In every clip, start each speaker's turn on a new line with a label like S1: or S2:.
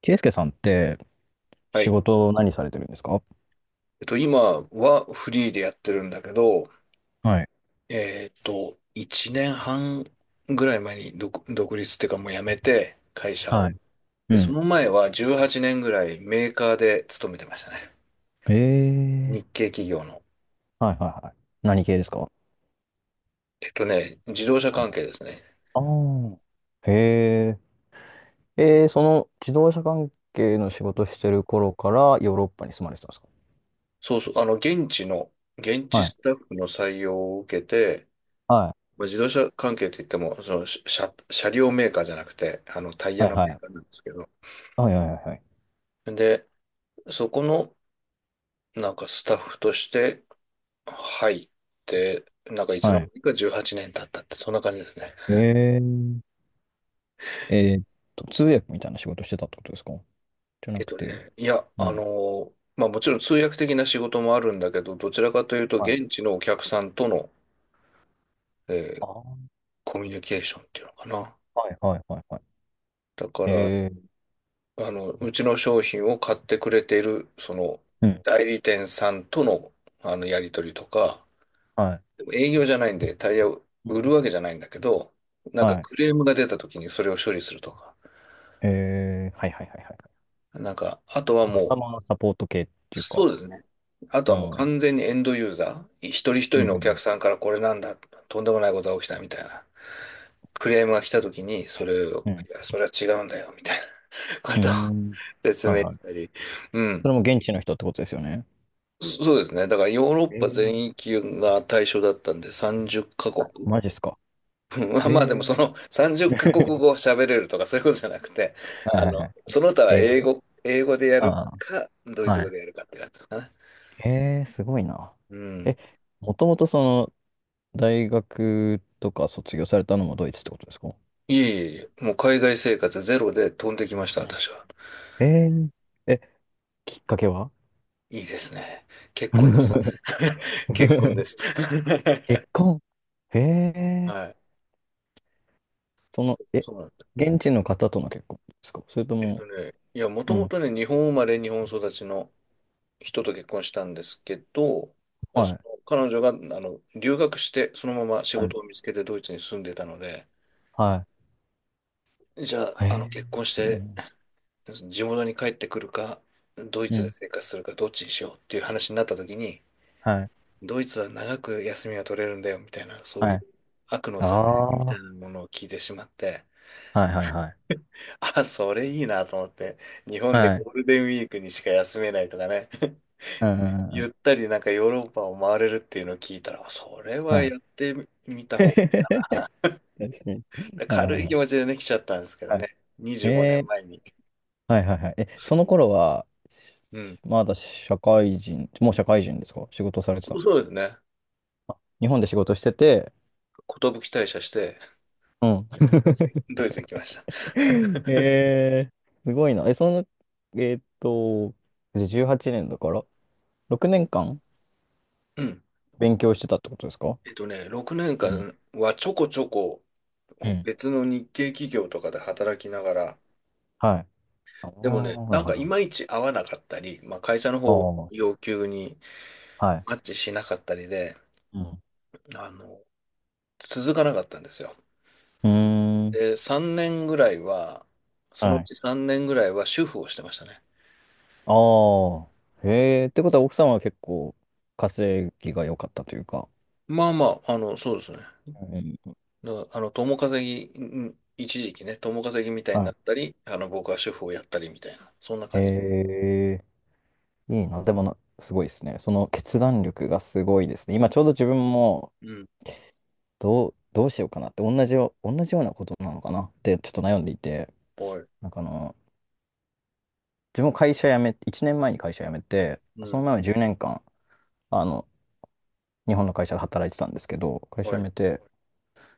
S1: ケイスケさんって、
S2: は
S1: 仕
S2: い。
S1: 事何されてるんですか？
S2: 今はフリーでやってるんだけど、
S1: はい。
S2: 1年半ぐらい前に独立っていうかもう辞めて、会社を。
S1: はい。う
S2: で、そ
S1: ん。
S2: の前は18年ぐらいメーカーで勤めてましたね。
S1: え
S2: 日
S1: え
S2: 系企業の。
S1: ー、はいはいはい。何系ですか？
S2: 自動車
S1: あ、あ
S2: 関係ですね。
S1: あー。へえ。ええ、その自動車関係の仕事してる頃からヨーロッパに住まれてたんですか？
S2: そうそう、現地
S1: はい。
S2: スタッフの採用を受けて、
S1: は
S2: まあ、自動車関係といっても、車両メーカーじゃなくて、タイ
S1: い。
S2: ヤ
S1: はい
S2: の
S1: は
S2: メーカー
S1: い。
S2: なんですけど。
S1: はいはいはいはい。
S2: で、そこの、なんかスタッフとして入って、なんかいつ
S1: は
S2: の間
S1: い。
S2: にか18年経ったって、そんな感じですね。
S1: え、え、えーっ通訳みたいな仕事してたってことですか？じゃなくて。
S2: いや、
S1: うん。
S2: まあもちろん通訳的な仕事もあるんだけど、どちらかというと
S1: はい。
S2: 現地のお客さんとの、え
S1: あ
S2: ー
S1: あ。
S2: コミュニケーションっていうのかな。
S1: はいはいはいはい。
S2: だか
S1: え
S2: ら、
S1: え。
S2: うちの商品を買ってくれている、
S1: うん。
S2: 代理店さんとの、やり取りとか、
S1: は
S2: でも営業じゃないんで、タイヤを
S1: い。うん、
S2: 売るわけじゃないんだけど、なんか
S1: はい。
S2: クレームが出た時にそれを処理するとか、
S1: えー、はいはいはいはい。
S2: なんか、あとは
S1: カス
S2: も
S1: タ
S2: う、
S1: マーサポート系っていうか、
S2: そうですね。あと
S1: う
S2: はもう
S1: ん。
S2: 完全にエンドユーザー、一人一
S1: う
S2: 人のお客
S1: ん、
S2: さんからこれなんだ、とんでもないことが起きたみたいな、クレームが来た時に、それを、
S1: うん、うん。
S2: いや、それは違うんだよ、みたいなこ
S1: う
S2: とを
S1: ん。
S2: 説
S1: はい
S2: 明し
S1: は
S2: た
S1: い。
S2: り。う
S1: そ
S2: ん。
S1: れも現地の人ってことですよね。
S2: そうですね。だからヨーロッ
S1: え
S2: パ
S1: ー、
S2: 全域が対象だったんで30カ国。
S1: マジっすか。
S2: まあまあでも
S1: え
S2: その
S1: ー、
S2: 30カ国 語を喋れるとかそういうことじゃなくて、
S1: はいはいはい。
S2: その他
S1: え、
S2: は
S1: 英語
S2: 英
S1: で、
S2: 語、英語でやる
S1: あ
S2: か、ド
S1: あ、
S2: イツ
S1: は
S2: 語
S1: い。
S2: でやるかって感じですかね。
S1: えー、すごいな。
S2: うん。
S1: え、もともとその、大学とか卒業されたのもドイツってことですか？
S2: いえいえ、もう海外生活ゼロで飛んできました、
S1: うん、
S2: 私は。
S1: えー、え、きっかけは？
S2: いいですね。結婚です。結婚です。
S1: 結婚。へえ、
S2: はい。
S1: その、
S2: そう
S1: え、
S2: そうなんだ。
S1: 現地の方との結婚ですか？それとも、
S2: いや、もと
S1: う
S2: も
S1: ん。
S2: とね、日本生まれ、日本育ちの人と結婚したんですけど、
S1: は
S2: そ
S1: い。
S2: の彼女が留学して、そのまま仕
S1: はい。
S2: 事を見つけてドイツに住んでたので、
S1: は
S2: じゃあ、
S1: い。へえ、
S2: 結婚し
S1: すごい
S2: て、
S1: ね。
S2: 地元に帰ってくるか、ドイ
S1: う
S2: ツで
S1: ん。
S2: 生活するか、どっちにしようっていう話になった時に、
S1: はい。
S2: ドイツは長く休みが取れるんだよみたいな、そうい
S1: は
S2: う
S1: い。
S2: 悪のささやきみ
S1: あ
S2: たい
S1: あ。
S2: なものを聞いてしまって、
S1: はいはいはい。
S2: あ、それいいなと思って、日本で
S1: はい。
S2: ゴールデンウィークにしか休めないとかね、
S1: うんうんうんう
S2: ゆっ
S1: ん。
S2: たりなんかヨーロッパを回れるっていうのを聞いたら、それ
S1: は
S2: は
S1: い。
S2: やってみた 方
S1: 確かに。
S2: が、
S1: はいは
S2: 軽
S1: い
S2: い
S1: は
S2: 気
S1: い。
S2: 持ちでね、来ちゃったんですけど
S1: はい。
S2: ね、25年
S1: えー、
S2: 前に。
S1: はいはいはい。え、その頃は、
S2: うん。
S1: まだ社会人、もう社会人ですか、仕事されて
S2: そ
S1: たんで
S2: う
S1: すか？
S2: そうですね。
S1: あ、日本で仕事してて、
S2: 寿退社して、
S1: うん。
S2: ドイツに ドイツに来ました。
S1: えー、すごいな。え、その、えーっと、18年だから、6年間
S2: うん。
S1: 勉強してたってことですか？
S2: 6年
S1: うん
S2: 間はちょこちょこ
S1: うん。
S2: 別の日系企業とかで働きながら、
S1: はい。ああ、
S2: でもね、
S1: な
S2: な
S1: る
S2: んかい
S1: ほ
S2: まいち合わなかったり、まあ、会社の方
S1: ど。
S2: 要求に
S1: ああ、はい。
S2: マッチしなかったりで、
S1: うん。
S2: あの、続かなかったんですよ。
S1: うーん。
S2: で、3年ぐらいは、その
S1: は
S2: う
S1: い。
S2: ち3年ぐらいは主婦をしてましたね。
S1: ああ。へえ、ってことは奥様は結構稼ぎが良かったというか。
S2: まあまあ、そうですね。
S1: うん。
S2: だあの、共稼ぎ、一時期ね、共稼ぎみたいにな
S1: は
S2: ったり、僕は主婦をやったりみたいな、そんな
S1: い。へ
S2: 感じ。
S1: え、いいな。でもな、すごいですね。その決断力がすごいですね。今ちょうど自分も
S2: うん。
S1: どうしようかなって、同じようなことなのかなってちょっと悩んでいて、
S2: はい。
S1: なんかあの、自分も会社辞め、1年前に会社辞めて、
S2: う
S1: その
S2: ん。
S1: 前は10年間、あの、日本の会社で働いてたんですけど、会社
S2: は
S1: 辞
S2: い。
S1: めて、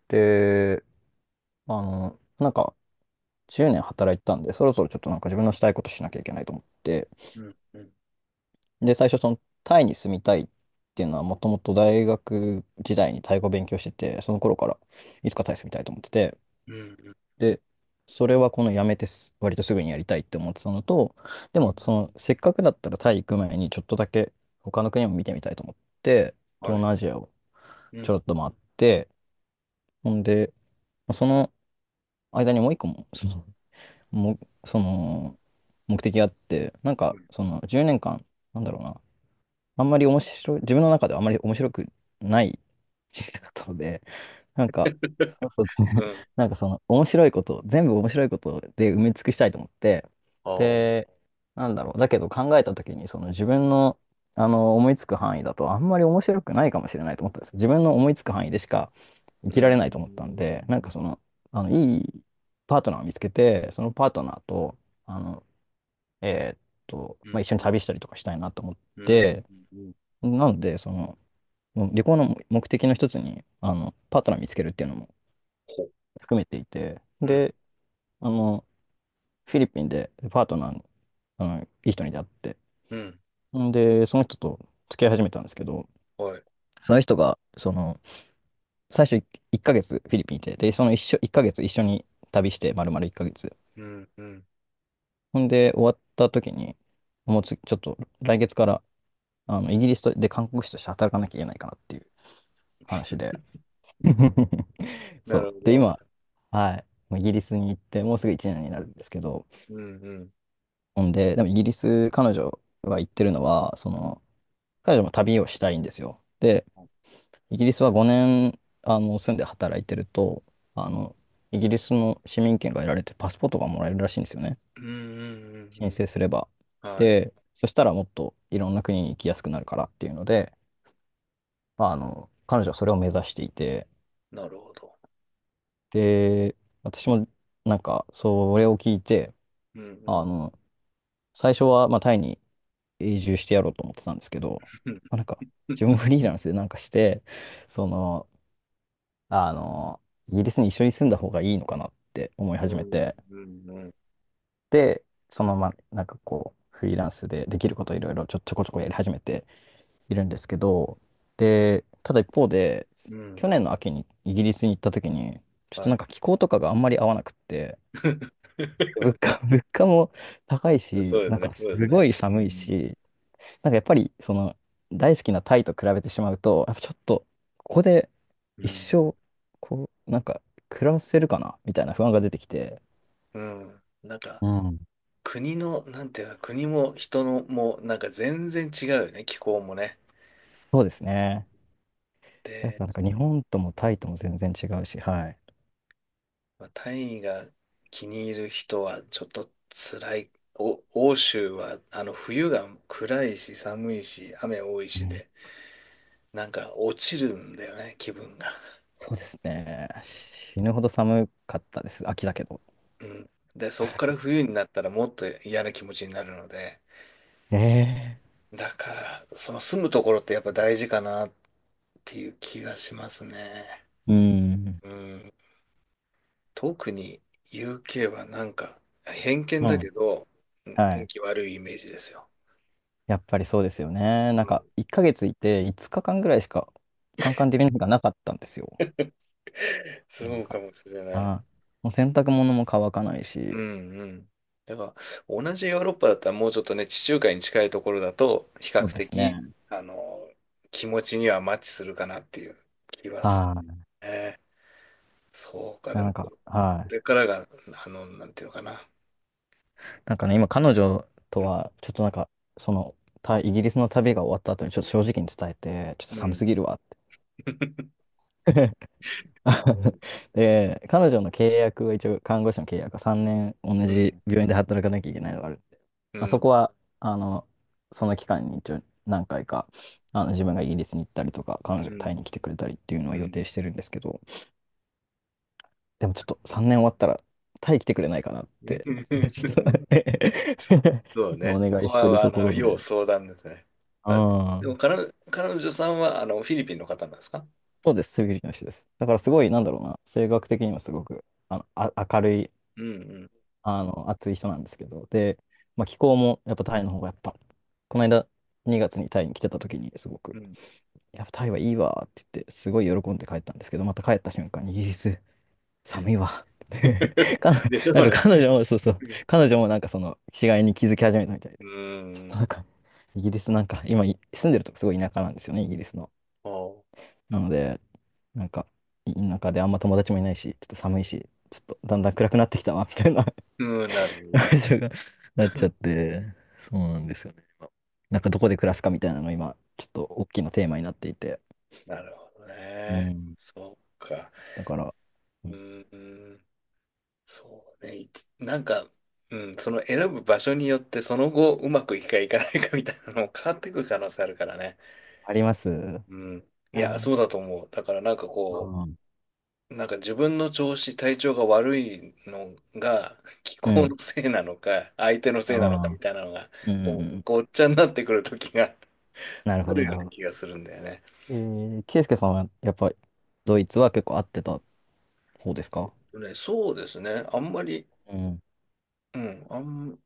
S1: で、あの、なんか、10年働いてたんで、そろそろちょっとなんか自分のしたいことしなきゃいけないと思って、
S2: うん。うん。
S1: で、最初、その、タイに住みたいっていうのは、もともと大学時代にタイ語勉強してて、その頃からいつかタイ住みたいと思ってて、
S2: うん。
S1: で、それはこの辞めてす割とすぐにやりたいって思ってたのと、
S2: う
S1: で
S2: ん。うん。
S1: も、その、せっかくだったらタイ行く前に、ちょっとだけ他の国も見てみたいと思って、
S2: は
S1: 東
S2: い。
S1: 南アジアを
S2: う
S1: ちょ
S2: ん。
S1: ろっと回って、ほんで、その、間にもう一個も、その、もうその目的があって、なん
S2: う
S1: か、
S2: ん。
S1: その10年間、なんだろうな、あんまり面白い、自分の中ではあんまり面白くない人生だったので、なんか、そうそうですね。なんかその面白いこと、全部面白いことで埋め尽くしたいと思って、
S2: ああ、う
S1: で、なんだろう、だけど考えた時に、その自分の、あの思いつく範囲だとあんまり面白くないかもしれないと思ったんですよ。自分の思いつく範囲でしか生
S2: う
S1: きられないと思ったんで、なんか
S2: ん。
S1: その、あの、いいパートナーを見つけて、そのパートナーと、あの、えーっ
S2: う
S1: ま
S2: ん。
S1: あ、一緒に旅したりとかしたいなと思っ
S2: うん。
S1: て、
S2: うん。うん。
S1: なので、その、もう旅行の目的の一つに、あの、パートナー見つけるっていうのも
S2: ほ
S1: 含めていて、
S2: うん。
S1: で、あの、フィリピンでパートナーの、あの、いい人に出会って、
S2: うん。ん。
S1: んで、その人と付き合い始めたんですけど、
S2: はい。
S1: その人が、その、最初1ヶ月フィリピンいて、で、その一緒、1ヶ月一緒に旅して、丸々1ヶ月。
S2: うん。うん。
S1: ほんで、終わった時に、もうつ、ちょっと来月から、あの、イギリスで韓国人として働かなきゃいけないかなっていう話で。
S2: な
S1: そ
S2: るほ
S1: う。で、
S2: ど。
S1: 今、はい。もうイギリスに行って、もうすぐ1年になるんですけど、
S2: うん、うん。
S1: ほんで、でもイギリス、彼女が言ってるのは、その、彼女も旅をしたいんですよ。で、イギリスは5年、あの、住んで働いてると、あの、イギリスの市民権が得られて、パスポートがもらえるらしいんですよね。
S2: うん。うん。う
S1: 申
S2: ん。
S1: 請すれば。
S2: はい。
S1: で、そしたらもっといろんな国に行きやすくなるからっていうので、まあ、あの、彼女はそれを目指していて、
S2: なるほど。
S1: で、私もなんか、それを聞いて、
S2: うん、う
S1: あ
S2: ん。
S1: の、最初は、まあ、タイに永住してやろうと思ってたんですけど、
S2: う
S1: まあ、なんか、自分フリーランスでなんかして、その、あの、イギリスに一緒に住んだ方がいいのかなって思い始め
S2: ん、
S1: て、
S2: うん、うん。
S1: で、そのまま、なんかこう、フリーランスでできることいろいろちょこちょこやり始めているんですけど、で、ただ一方で、
S2: うん。
S1: 去年の秋にイギリスに行った時に、ちょっと
S2: は
S1: なん
S2: い。
S1: か気候とかがあんまり合わなくって、物価も高い
S2: そ
S1: し、
S2: うで
S1: な
S2: す
S1: ん
S2: ね。
S1: か
S2: そ
S1: す
S2: うですね。
S1: ごい
S2: う
S1: 寒い
S2: ん、
S1: し、なんかやっぱり、その、大好きなタイと比べてしまうと、やっぱちょっと、ここで
S2: う
S1: 一
S2: ん。
S1: 生、こう、なんか、暮らせるかなみたいな不安が出てきて、
S2: うん。うんなんか、
S1: うん。
S2: 国の、なんていうか、国も人の、もなんか全然違うよね。気候もね。
S1: そうですね。やっぱなん
S2: で
S1: か日本ともタイとも全然違うし、はい。
S2: まあ、単位が気に入る人はちょっと辛い。欧州は冬が暗いし寒いし雨多い
S1: う
S2: し
S1: ん、
S2: で、なんか落ちるんだよね、気分が。
S1: そうですね。死ぬほど寒かったです。秋だけど。
S2: うん。で、そっから冬になったらもっと嫌な気持ちになるので、
S1: ええ、
S2: だから、その住むところってやっぱ大事かなっていう気がしますね。
S1: うん。
S2: うん。特に UK はなんか偏見
S1: う
S2: だ
S1: ん。
S2: けど、うん、
S1: は
S2: 天
S1: い。
S2: 気悪いイメージですよ。
S1: やっぱりそうですよね。
S2: う
S1: なん
S2: ん。
S1: か、1ヶ月いて5日間ぐらいしか、カンカン照りの日がなかったんですよ。な
S2: そ
S1: ん
S2: うか
S1: か、
S2: もしれない。
S1: はい。もう洗濯物も乾かない
S2: う
S1: し、
S2: んうん。だから、同じヨーロッパだったらもうちょっとね、地中海に近いところだと、比較
S1: そうです
S2: 的、
S1: ね。
S2: あの、気持ちにはマッチするかなっていう気はする
S1: はい。
S2: ね。そうか、で
S1: な
S2: も、
S1: ん
S2: こ
S1: か、はい。
S2: れからが、なんていうのかな。
S1: なんかね、今彼女
S2: う
S1: と
S2: ん。
S1: は、ちょっとなんか、その、イギリスの旅が終わった後にちょっと正直に伝えて、ちょっと
S2: う
S1: 寒
S2: ん。
S1: すぎるわっ て。
S2: う
S1: で、彼女の契約は一応、看護師の契約は3年同じ
S2: ん。
S1: 病院で働かなきゃいけないのがあるんで、
S2: う
S1: まあ、そこ
S2: ん。
S1: は、あの、その期間に一応何回か、あの、自分がイギリスに行ったりとか、彼女
S2: う
S1: がタイ
S2: ん。
S1: に来てくれたりっていうのは
S2: う
S1: 予
S2: ん。
S1: 定してるんですけど、でもちょっと3年終わったら、タイ来てくれないかなって、ちょっと ね、
S2: そう ね。
S1: お
S2: そ
S1: 願
S2: こ
S1: いしてる
S2: は、
S1: ところで。
S2: 要
S1: う
S2: 相談ですね。あ、で
S1: ん。
S2: も、彼女さんは、フィリピンの方なんですか？
S1: そうです、セビリティの人です。だからすごい、なんだろうな、性格的にもすごく、あの、あ、明るい、
S2: うん
S1: あの、熱い人なんですけど、で、まあ、気候もやっぱタイの方がやっぱ、この間2月にタイに来てた時にすご
S2: う
S1: く、
S2: ん。うん。
S1: やっぱタイはいいわって言って、すごい喜んで帰ったんですけど、また帰った瞬間にイギリス、寒いわ。かな、
S2: でしょ
S1: な
S2: う
S1: んか
S2: ね。
S1: 彼女も、そうそう、彼女もなんかその違いに気づき始めたみたい
S2: う
S1: で、ちょっと
S2: ー
S1: な
S2: ん。
S1: んか、イギリスなんか、今、住んでるとこすごい田舎なんですよね、イギリスの。
S2: おう。
S1: なので、なんか、田舎であんま友達もいないし、ちょっと寒いし、ちょっとだんだん暗くなってきたわ、みたいな
S2: うん、
S1: 感情がなっちゃって、そうなんですよね。今なんかどこで暮らすかみたいなの今、ちょっと大きなテーマになっていて。
S2: なるほど
S1: う
S2: ね。
S1: ん。
S2: そうか。
S1: だから、う
S2: う
S1: ん、
S2: ーん。そうね。なんか、うん、その選ぶ場所によって、その後、うまくいくかいかないかみたいなのも変わってくる可能性あるからね。
S1: あります。
S2: うん。い
S1: あ
S2: や、
S1: ー、
S2: そうだと思う。だからなんか
S1: う
S2: こ
S1: ん。
S2: う、なんか自分の調子、体調が悪いのが、気
S1: う
S2: 候
S1: ん。
S2: のせいなのか、相手の
S1: う
S2: せいなのか
S1: ん。う
S2: み
S1: ん
S2: たいなのが、
S1: うんう
S2: こう
S1: ん。
S2: ごっちゃになってくる時が
S1: なるほ
S2: あ
S1: ど、
S2: るよ
S1: な
S2: う
S1: るほ
S2: な気が
S1: ど。
S2: するんだよね。
S1: えー、ケイスケさんはやっぱりドイツは結構合ってた方ですか？
S2: ね、そうですね。あんまり、
S1: うん。
S2: うん、あん、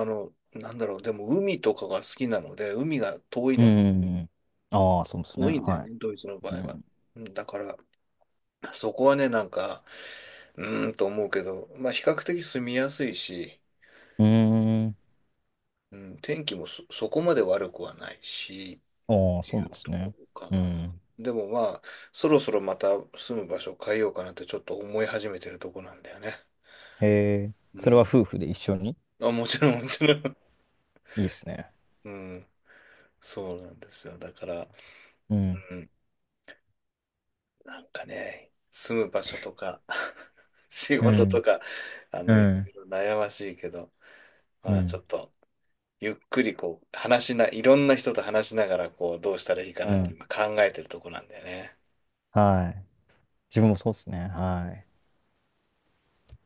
S2: あの、なんだろう、でも海とかが好きなので、海が遠い
S1: うん
S2: のに、
S1: うんうん。ああ、そうですね。
S2: 遠いんだよ
S1: は
S2: ね、ドイツの
S1: い。
S2: 場
S1: う
S2: 合は。
S1: ん。
S2: うん。だから、そこはね、なんか、うーんと思うけど、まあ、比較的住みやすいし、
S1: うーん。
S2: うん、天気もそこまで悪くはないし、
S1: ああ、
S2: って
S1: そう
S2: い
S1: なん
S2: う
S1: です
S2: とこ
S1: ね。
S2: ろか
S1: う
S2: な。
S1: ん。
S2: でもまあ、そろそろまた住む場所を変えようかなってちょっと思い始めてるとこなんだよね。
S1: へえ。
S2: う
S1: それは
S2: ん。
S1: 夫婦で一緒に？
S2: あ、もちろん、もちろん。
S1: いいですね。
S2: うん。そうなんですよ。だから、
S1: うん。
S2: うん、なんかね、住む場所とか 仕
S1: う
S2: 事と
S1: ん。
S2: か、
S1: う
S2: いろい
S1: ん。
S2: ろ悩ましいけど、
S1: う
S2: まあちょ
S1: ん。
S2: っと、ゆっくりこう、話しな、いろんな人と話しながら、こう、どうしたらいいか
S1: う
S2: なって
S1: ん。
S2: 今考えてるとこなんだよね。
S1: はい。自分もそうですね。はい。